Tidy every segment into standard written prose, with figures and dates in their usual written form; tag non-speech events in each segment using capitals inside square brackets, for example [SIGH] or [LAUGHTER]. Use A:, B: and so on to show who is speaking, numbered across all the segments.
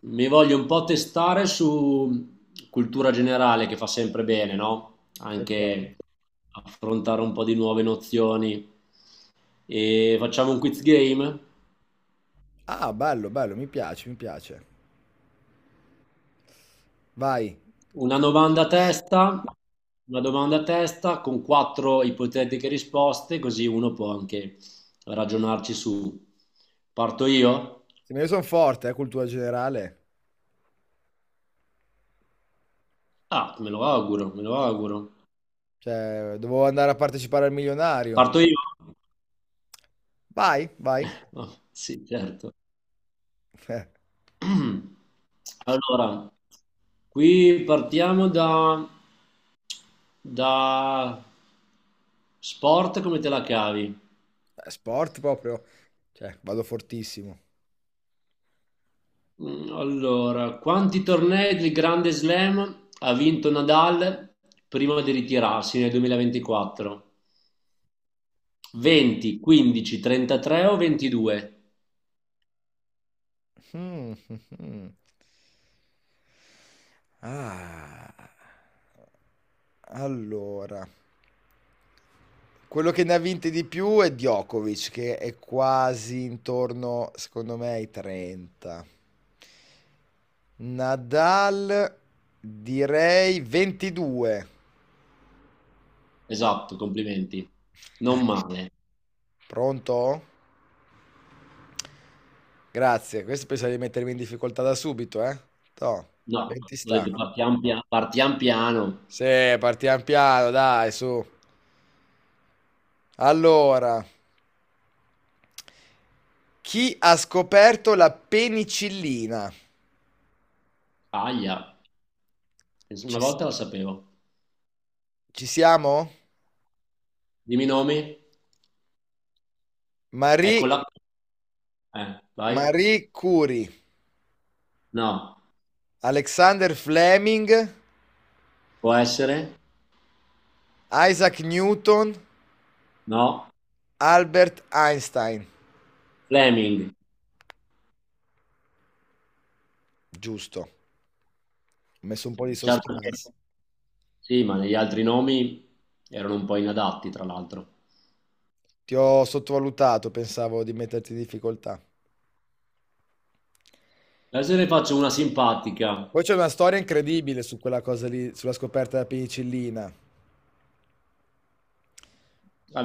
A: Mi voglio un po' testare su cultura generale che fa sempre bene, no?
B: Okay.
A: Anche affrontare un po' di nuove nozioni. E facciamo un quiz game,
B: Ah, bello, bello, mi piace, mi piace. Vai.
A: una domanda a testa, una domanda a testa con quattro ipotetiche risposte, così uno può anche ragionarci su. Parto io?
B: Sì, ma io sono forte, cultura generale.
A: Ah, me lo auguro, me lo auguro.
B: Cioè, dovevo andare a partecipare al milionario.
A: Parto io?
B: Vai, vai.
A: [LAUGHS] Sì, certo.
B: [LAUGHS]
A: [CLEARS THROAT] Allora, qui partiamo da sport, come te la cavi?
B: Sport proprio. Cioè, vado fortissimo.
A: Mm, allora, quanti tornei del Grande Slam ha vinto Nadal prima di ritirarsi nel 2024? 20, 15, 33 o 22?
B: Mm, mm, mm. Ah, allora. Quello che ne ha vinte di più è Djokovic, che è quasi intorno, secondo me, ai 30. Nadal, direi 22.
A: Esatto, complimenti.
B: Eh,
A: Non male.
B: Pronto? Grazie. Questo pensavo di mettermi in difficoltà da subito, eh? Toh,
A: No,
B: 20
A: ho
B: sta.
A: detto partiamo, partiamo piano.
B: Sì, partiamo piano, dai, su. Allora, chi ha scoperto la penicillina?
A: Aglia, una
B: Ci,
A: volta la sapevo.
B: ci siamo?
A: Dimmi i nomi.
B: Marie
A: Eccola. Vai?
B: Marie Curie,
A: No.
B: Alexander Fleming,
A: Può essere?
B: Isaac Newton,
A: No.
B: Albert Einstein.
A: Fleming.
B: Giusto, ho messo un po' di
A: Certo che
B: suspense.
A: sì, ma negli altri nomi erano un po' inadatti, tra l'altro.
B: Ti ho sottovalutato, pensavo di metterti in difficoltà.
A: Adesso ne faccio una simpatica.
B: Poi c'è una storia incredibile su quella cosa lì, sulla scoperta della penicillina.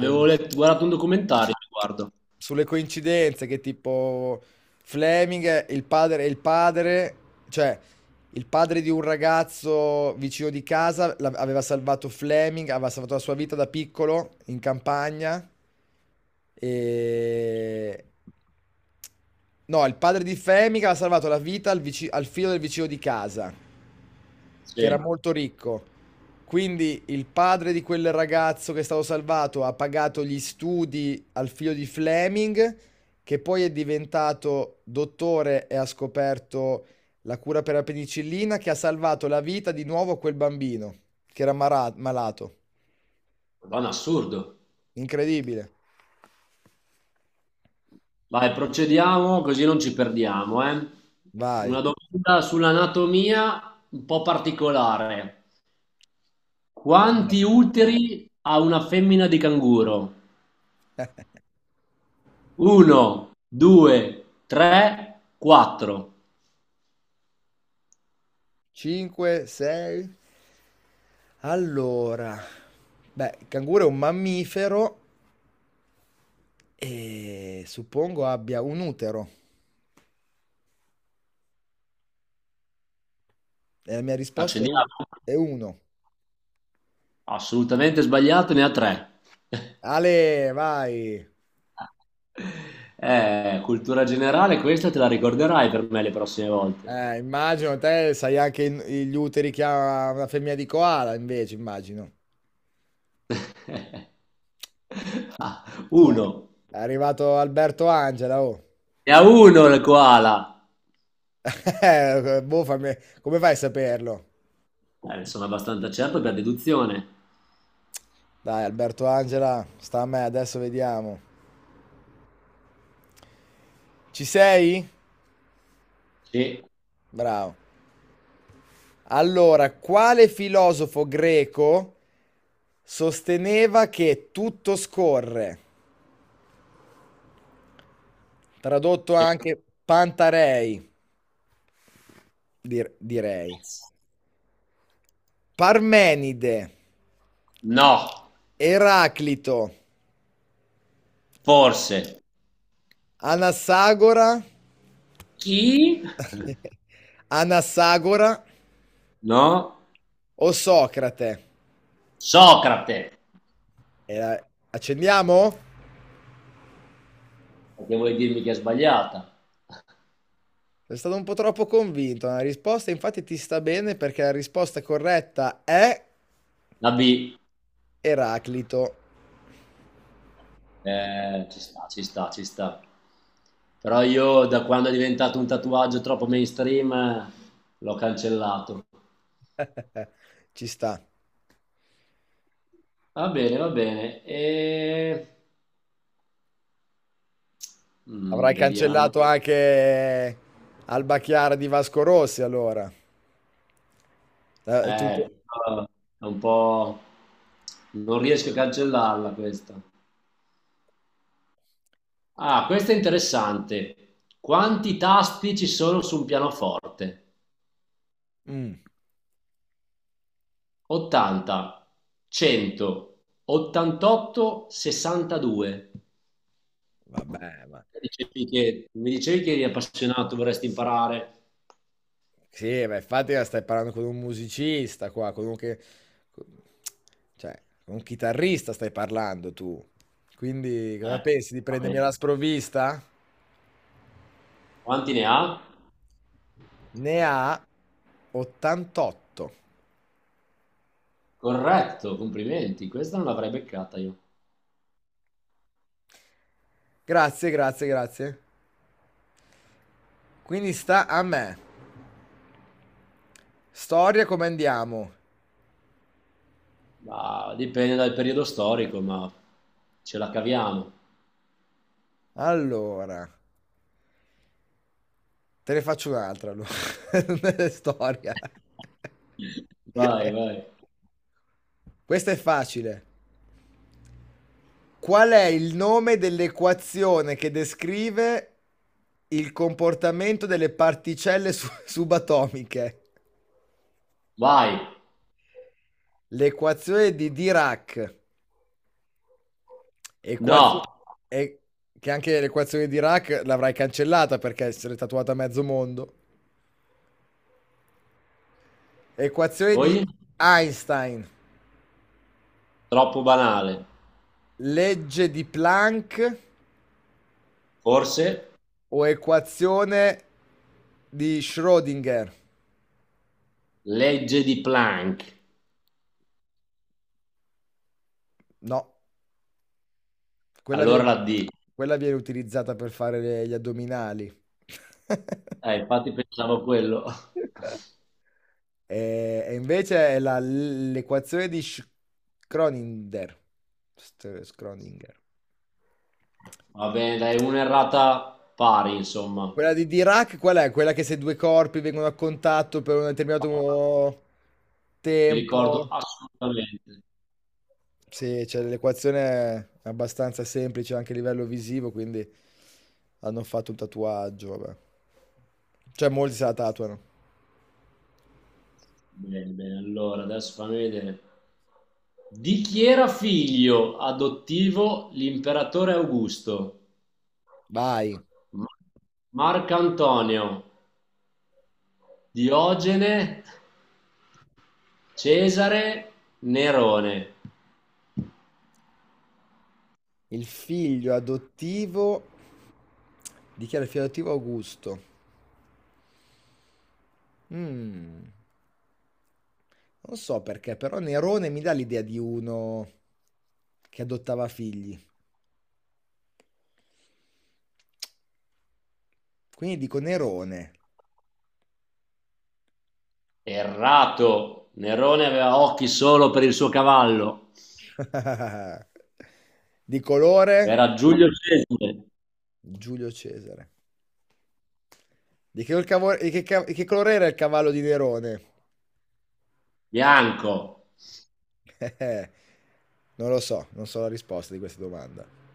B: E-
A: letto, guardato un documentario a riguardo.
B: Sulle coincidenze che tipo Fleming è il padre, cioè il padre di un ragazzo vicino di casa aveva salvato Fleming, aveva salvato la sua vita da piccolo in campagna e... No, il padre di Fleming aveva salvato la vita al figlio del vicino di casa che era
A: Sì,
B: molto ricco. Quindi il padre di quel ragazzo che è stato salvato ha pagato gli studi al figlio di Fleming, che poi è diventato dottore e ha scoperto la cura per la penicillina, che ha salvato la vita di nuovo a quel bambino che era malato.
A: ma un assurdo.
B: Incredibile.
A: Vai, procediamo così non ci perdiamo, eh. Una
B: Vai.
A: domanda sull'anatomia un po' particolare. Quanti uteri ha una femmina di canguro? Uno, due, tre, quattro.
B: 5, 6. Allora, beh, il canguro è un mammifero e suppongo abbia un utero. E la mia risposta
A: Accendiamo?
B: è uno.
A: Assolutamente sbagliato, ne ha tre.
B: Ale, vai.
A: [LAUGHS] Cultura generale, questa te la ricorderai per me le prossime volte.
B: Immagino te sai anche gli uteri che ha una femmina di koala, invece, immagino.
A: [LAUGHS] Ah,
B: Cioè,
A: uno.
B: è arrivato Alberto Angela, oh.
A: Ne ha uno il koala.
B: [LAUGHS] Boh, come fai a saperlo?
A: Ne sono abbastanza certo per deduzione.
B: Dai, Alberto Angela, sta a me, adesso vediamo. Ci sei?
A: Sì,
B: Bravo. Allora, quale filosofo greco sosteneva che tutto scorre? Tradotto
A: sì.
B: anche Pantarei. Direi. Parmenide,
A: No,
B: Eraclito,
A: forse.
B: Anassagora,
A: Chi? [LAUGHS]
B: [LAUGHS] Anassagora
A: No,
B: o Socrate?
A: Socrate.
B: Accendiamo?
A: Perché vuoi dirmi che è sbagliata?
B: Sei stato un po' troppo convinto nella risposta, infatti ti sta bene perché la risposta corretta è
A: La B,
B: Eraclito.
A: ci sta, ci sta, ci sta. Però io da quando è diventato un tatuaggio troppo mainstream l'ho cancellato.
B: Ci sta.
A: Va bene, va bene. E... mm,
B: Avrai
A: vediamo.
B: cancellato anche Alba Chiara di Vasco Rossi allora. Eh, tutto-
A: Questa è un po'... Non riesco a cancellarla questa. Ah, questa è interessante. Quanti tasti ci sono su un pianoforte?
B: Mm,
A: 80, 100, 88, 62.
B: vabbè, vabbè.
A: Dicevi mi dicevi che eri appassionato, vorresti imparare.
B: Sì, ma infatti la stai parlando con un musicista qua, cioè, con un chitarrista stai parlando tu. Quindi cosa
A: Eh,
B: pensi di
A: va
B: prendermi
A: bene.
B: alla sprovvista?
A: Quanti ne ha?
B: Ne ha 88.
A: Corretto, complimenti. Questa non l'avrei beccata io.
B: Grazie, grazie, grazie. Quindi sta a me. Storia come andiamo?
A: Ma dipende dal periodo storico, ma ce la caviamo.
B: Allora, te ne faccio un'altra allora. [LAUGHS] Nelle storia.
A: Vai,
B: [LAUGHS]
A: vai.
B: Questa è facile. Qual è il nome dell'equazione che descrive il comportamento delle particelle [LAUGHS] subatomiche?
A: Vai.
B: L'equazione di Dirac. Equazio-
A: No.
B: e- che anche l'equazione di Dirac l'avrai cancellata perché se l'è tatuata a mezzo mondo. Equazione di
A: Poi,
B: Einstein.
A: troppo banale.
B: Legge di Planck
A: Forse
B: o equazione di Schrödinger?
A: legge di Planck.
B: No. Quella
A: Allora
B: viene,
A: la D.
B: quella viene utilizzata per fare gli addominali. [LAUGHS]
A: Infatti pensavo a quello.
B: E invece è l'equazione di Schrödinger. Schrödinger.
A: Va bene, dai, un'errata pari, insomma.
B: Quella di Dirac, qual è? Quella che se due corpi vengono a contatto per un determinato
A: Mi ricordo
B: tempo.
A: assolutamente.
B: Sì, cioè, l'equazione è abbastanza semplice anche a livello visivo, quindi hanno fatto un tatuaggio, vabbè. Cioè molti se la tatuano.
A: Bene, bene. Allora, adesso fammi vedere. Di chi era figlio adottivo l'imperatore Augusto?
B: Vai.
A: Ma- Marco Antonio, Diogene, Cesare, Nerone.
B: Il figlio adottivo dichiara il figlio adottivo Augusto. Mm, non so perché, però Nerone mi dà l'idea di uno che adottava figli. Quindi dico Nerone.
A: Errato. Nerone aveva occhi solo per il suo cavallo.
B: [LAUGHS] Di
A: Era
B: colore
A: Giulio Cesare,
B: Giulio Cesare. Di che colore era il cavallo di Nerone?
A: bianco.
B: [LAUGHS] Non lo so, non so la risposta di questa domanda.